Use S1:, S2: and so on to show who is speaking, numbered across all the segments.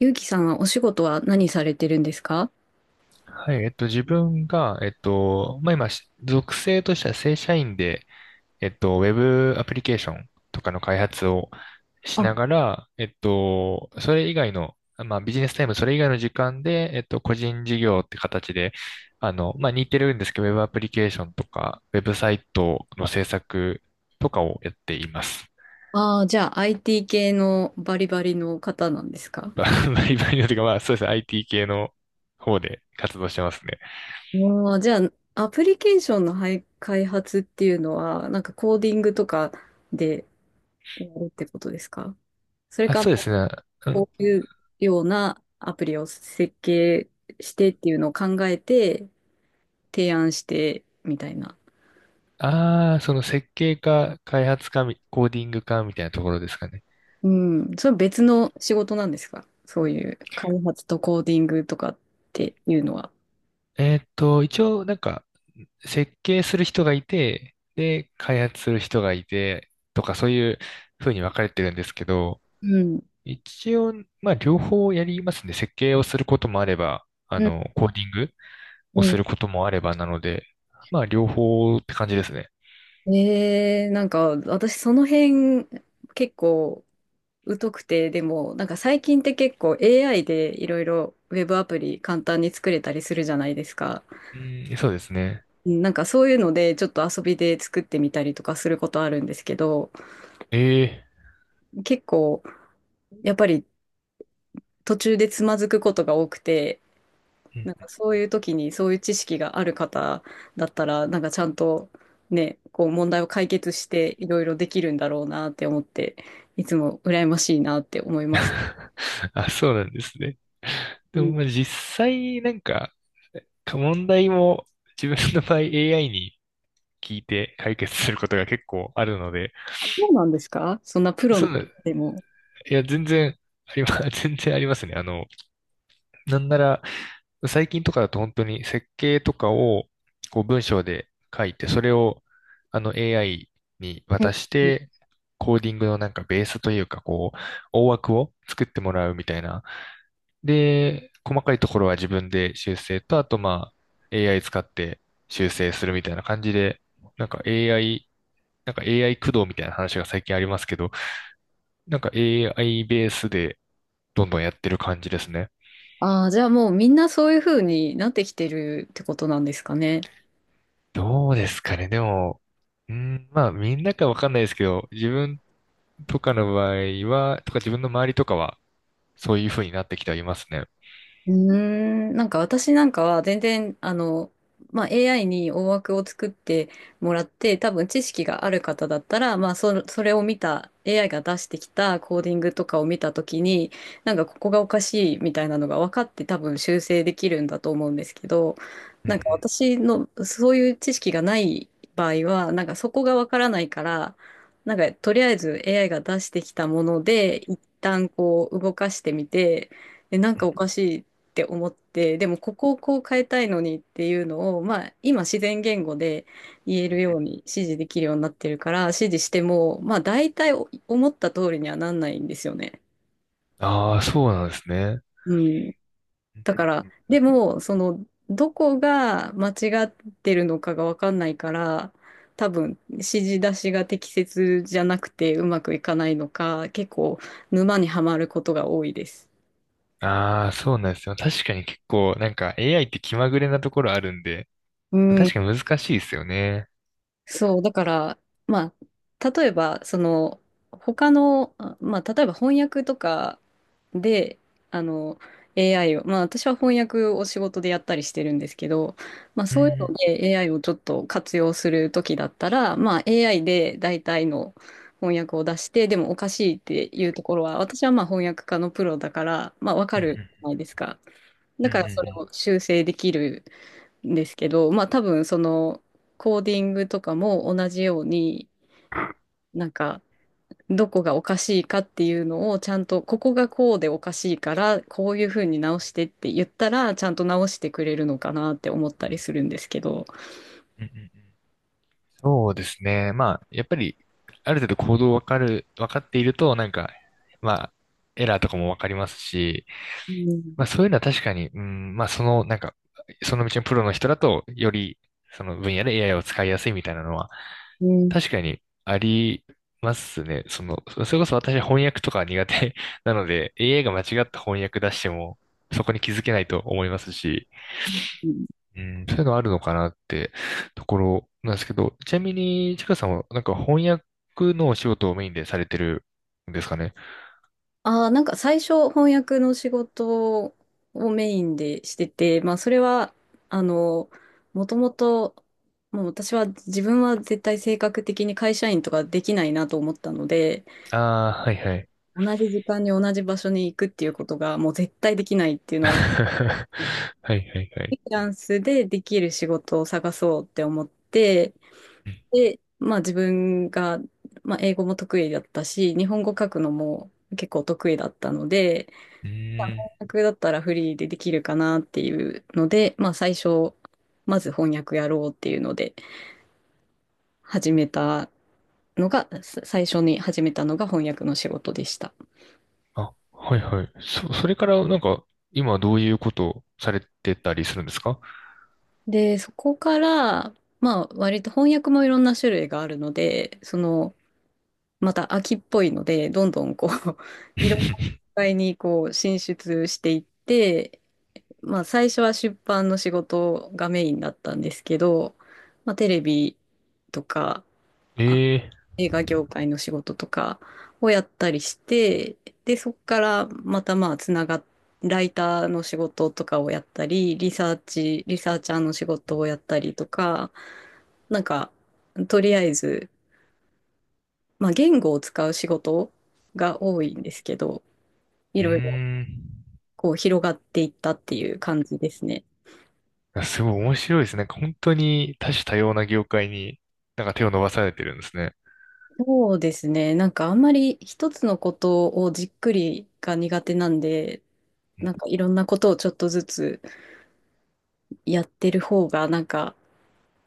S1: ゆうきさんはお仕事は何されてるんですか？
S2: はい、自分が、まあ、今、し属性としては正社員で、ウェブアプリケーションとかの開発をし
S1: あ、
S2: ながら、それ以外の、まあ、ビジネスタイム、それ以外の時間で、個人事業って形で、あの、まあ、似てるんですけど、ウェブアプリケーションとか、ウェブサイトの制作とかをやっています。
S1: じゃあ IT 系のバリバリの方なんですか？
S2: バリバリのと いうか、まあ、そうですね、IT 系の方で活動してますね。
S1: ああ、じゃあアプリケーションのはい開発っていうのは、なんかコーディングとかでやるってことですか？それ
S2: あ、
S1: か、
S2: そうで
S1: こ
S2: すね。
S1: ういうようなアプリを設計してっていうのを考えて提案してみたいな。
S2: ああ、その設計か開発かみコーディングかみたいなところですかね。
S1: うん、それは別の仕事なんですか、そういう開発とコーディングとかっていうのは。
S2: 一応なんか設計する人がいて、で、開発する人がいて、とかそういう風に分かれてるんですけど、
S1: うん。
S2: 一応、まあ両方やりますね。設計をすることもあれば、あ
S1: うん、
S2: の、コーディングをす
S1: う
S2: ることもあればなので、まあ両方って感じですね。
S1: なんか私その辺結構疎くて、でもなんか最近って結構 AI でいろいろウェブアプリ簡単に作れたりするじゃないですか。
S2: うん、そうですね。
S1: うん、なんかそういうのでちょっと遊びで作ってみたりとかすることあるんですけど、
S2: ええ。
S1: 結構やっぱり途中でつまずくことが多くて、
S2: うん。
S1: なんかそういう時にそういう知識がある方だったら、なんかちゃんとね、こう問題を解決していろいろできるんだろうなって思って、いつも羨ましいなって思い ます。
S2: あ、そうなんですね。
S1: う
S2: でも、
S1: ん、
S2: まあ、実際、なんか、か問題も自分の場合 AI に聞いて解決することが結構あるので、
S1: そうなんですか、そんなプロ
S2: そ
S1: の
S2: う
S1: 方
S2: なん、い
S1: でも。
S2: や、全然ありま、全然ありますね。あの、なんなら、最近とかだと本当に設計とかをこう文章で書いて、それをあの AI に
S1: うん、
S2: 渡して、コーディングのなんかベースというか、こう、大枠を作ってもらうみたいな。で、細かいところは自分で修正と、あとまあ AI 使って修正するみたいな感じで、なんか AI、なんか AI 駆動みたいな話が最近ありますけど、なんか AI ベースでどんどんやってる感じですね。
S1: ああ、じゃあもうみんなそういうふうになってきてるってことなんですかね。
S2: どうですかね。でも、うん、まあ、みんなかわかんないですけど、自分とかの場合は、とか自分の周りとかは、そういう風になってきてはいますね。
S1: うーん、なんか私なんかは全然、まあ、AI に大枠を作ってもらって、多分知識がある方だったら、まあ、それを見た、AI が出してきたコーディングとかを見たときに、なんかここがおかしいみたいなのが分かって多分修正できるんだと思うんですけど、
S2: うんう
S1: なんか
S2: ん
S1: 私のそういう知識がない場合は、なんかそこが分からないから、なんかとりあえず AI が出してきたもので、一旦こう動かしてみて、なん
S2: う
S1: か
S2: ん
S1: おかしいって思って、でもここをこう変えたいのにっていうのを、まあ、今自然言語で言え
S2: うん。
S1: るように指示できるようになってるから指示しても、まあ、大体お思った通りにはなんないんですよね。
S2: ああ、そうなんですね。
S1: うん、
S2: うん
S1: だ
S2: う
S1: から
S2: んうん。
S1: でもそのどこが間違ってるのかが分かんないから、多分指示出しが適切じゃなくてうまくいかないのか、結構沼にはまることが多いです。
S2: ああ、そうなんですよ。確かに結構、なんか AI って気まぐれなところあるんで、
S1: う
S2: 確
S1: ん、
S2: かに難しいですよね。
S1: そう、だから、まあ、例えば、その、他の、まあ、例えば翻訳とかで、あの、AI を、まあ、私は翻訳を仕事でやったりしてるんですけど、まあ、
S2: う
S1: そういうの
S2: ん
S1: で AI をちょっと活用するときだったら、まあ、AI で大体の翻訳を出して、でもおかしいっていうところは、私はまあ、翻訳家のプロだから、まあ、わか
S2: う
S1: るじ
S2: ん
S1: ゃないですか。
S2: う
S1: だ
S2: んう
S1: か
S2: んう
S1: ら、それ
S2: ん
S1: を修正できるんですけど、まあ多分そのコーディングとかも同じように、なんかどこがおかしいかっていうのをちゃんと、ここがこうでおかしいから、こういうふうに直してって言ったら、ちゃんと直してくれるのかなって思ったりするんですけど。
S2: うんうんうんうん。そうですね。まあ、やっぱり、ある程度行動わかっていると、なんか、まあ、エラーとかもわかりますし、
S1: うん、
S2: まあそういうのは確かに、うん、まあその、なんか、その道のプロの人だと、より、その分野で AI を使いやすいみたいなのは、
S1: うん、
S2: 確かにありますね。その、それこそ私は翻訳とか苦手 なので、AI が間違った翻訳出しても、そこに気づけないと思いますし、うん、そういうのあるのかなってところなんですけど、ちなみに、ちかさんは、なんか翻訳のお仕事をメインでされてるんですかね。
S1: ああ、なんか最初翻訳の仕事をメインでしてて、まあそれは、あの、もともと、もう私は自分は絶対性格的に会社員とかできないなと思ったので、
S2: ああー、はいはい。
S1: 同じ時間に同じ場所に行くっていうことがもう絶対できないっていう のを、フ
S2: はいはいはい。
S1: リーランスでできる仕事を探そうって思って、で、まあ自分が、まあ英語も得意だったし、日本語書くのも結構得意だったので、
S2: うん。
S1: 訳だったらフリーでできるかなっていうので、まあ最初、まず翻訳やろうっていうので始めたのが、最初に始めたのが翻訳の仕事でした。
S2: あ、はいはい。それからなんか、今どういうことをされてたりするんですか？
S1: で、そこから、まあ割と翻訳もいろんな種類があるので、その、また秋っぽいので、どんどんこう、いろんな世 界にこう進出していって、まあ最初は出版の仕事がメインだったんですけど、まあテレビとか、
S2: ええ
S1: 映画業界の仕事とかをやったりして、で、そこからまたまあつながっライターの仕事とかをやったり、リサーチャーの仕事をやったりとか、なんか、とりあえず、まあ言語を使う仕事が多いんですけど、い
S2: ー。う
S1: ろいろ
S2: ーん。
S1: こう広がっていったっていう感じですね。
S2: あ、すごい面白いですね。なんか本当に多種多様な業界になんか手を伸ばされてるんですね。
S1: そうですね。なんかあんまり一つのことをじっくりが苦手なんで、なんかいろんなことをちょっとずつやってる方がなんか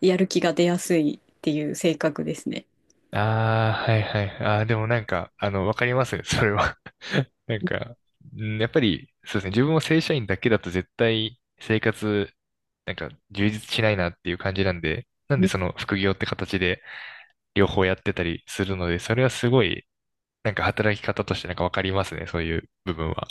S1: やる気が出やすいっていう性格ですね。
S2: ああ、はいはい。ああ、でもなんか、あの、わかりますね、それは。なんか、うんやっぱり、そうですね、自分も正社員だけだと絶対生活、なんか充実しないなっていう感じなんで、なんでその副業って形で両方やってたりするので、それはすごい、なんか働き方としてなんかわかりますね、そういう部分は。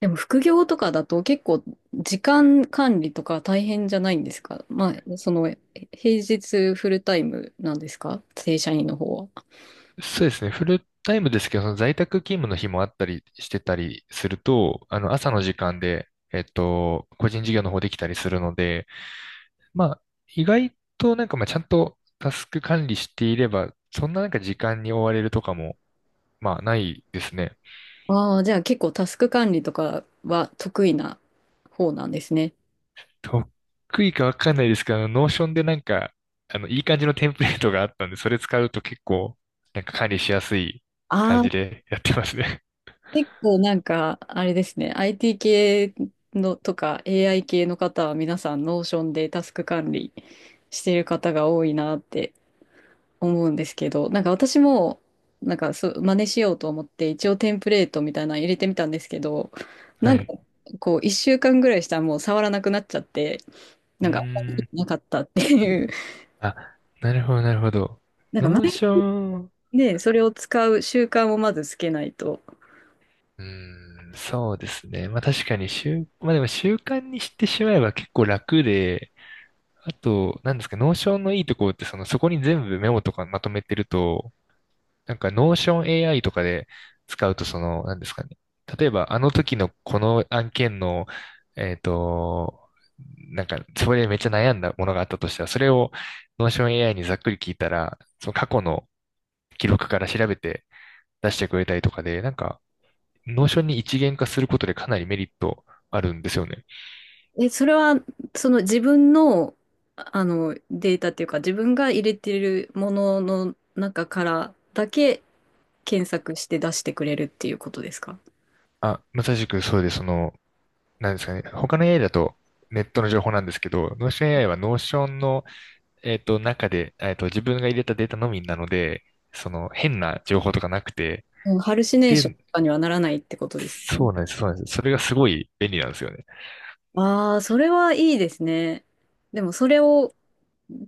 S1: でも副業とかだと結構時間管理とか大変じゃないんですか？まあ、その、平日フルタイムなんですか、正社員の方は。
S2: そうですね、フルタイムですけど、その在宅勤務の日もあったりしてたりすると、あの、朝の時間で、個人事業の方できたりするので、まあ、意外となんかまあちゃんとタスク管理していれば、そんななんか時間に追われるとかも、まあないですね。
S1: ああ、じゃあ結構タスク管理とかは得意な方なんですね。
S2: 得意かわかんないですけど、あの、ノーションでなんか、あの、いい感じのテンプレートがあったんで、それ使うと結構、なんか管理しやすい
S1: あ
S2: 感
S1: あ、
S2: じでやってますね。
S1: 結構なんか、あれですね、IT 系のとか AI 系の方は皆さんノーションでタスク管理してる方が多いなって思うんですけど、なんか私も、なんかそう、真似しようと思って、一応テンプレートみたいなの入れてみたんですけど、な
S2: は
S1: んか、
S2: い。
S1: こう、1週間ぐらいしたらもう触らなくなっちゃって、
S2: う
S1: なんか、あんまり
S2: ーん。
S1: 意味なかったっていう。
S2: あ、なるほど、なるほど。
S1: なんか前
S2: ノーション、
S1: にね、それを使う習慣をまずつけないと。
S2: うーん、そうですね。まあ確かに、まあでも習慣にしてしまえば結構楽で、あと、なんですか、ノーションのいいところって、その、そこに全部メモとかまとめてると、なんか、ノーション AI とかで使うと、その、なんですかね。例えば、あの時のこの案件の、えっと、なんか、それでめっちゃ悩んだものがあったとしたら、それをノーション AI にざっくり聞いたら、その過去の記録から調べて出してくれたりとかで、なんか、ノーションに一元化することでかなりメリットあるんですよね。
S1: え、それは、その自分の、あの、データっていうか、自分が入れてるものの中からだけ検索して出してくれるっていうことですか？
S2: あ、まさしくそうで、その、なんですかね。他の AI だとネットの情報なんですけど、ノーション AI はノーションの中で、自分が入れたデータのみなので、その、変な情報とかなくて、
S1: うん、ハルシネーション
S2: で、
S1: とかにはならないってことですね。
S2: そうなんです、そうなんです。それがすごい便利なんですよね。
S1: ああ、それはいいですね。でもそれを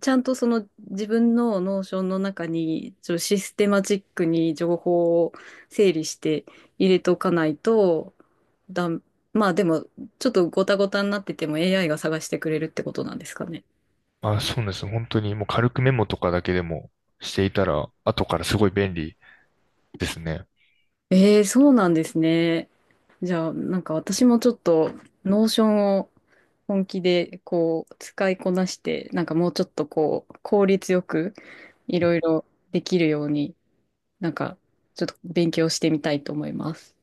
S1: ちゃんとその自分のノーションの中にちょっとシステマチックに情報を整理して入れとかないとだん、まあでもちょっとごたごたになってても AI が探してくれるってことなんですかね。
S2: あ、そうなんです。本当にもう軽くメモとかだけでもしていたら、後からすごい便利ですね。
S1: ええ、そうなんですね。じゃあなんか私もちょっとノーションを本気でこう使いこなしてなんかもうちょっとこう効率よくいろいろできるようになんか、ちょっと勉強してみたいと思います。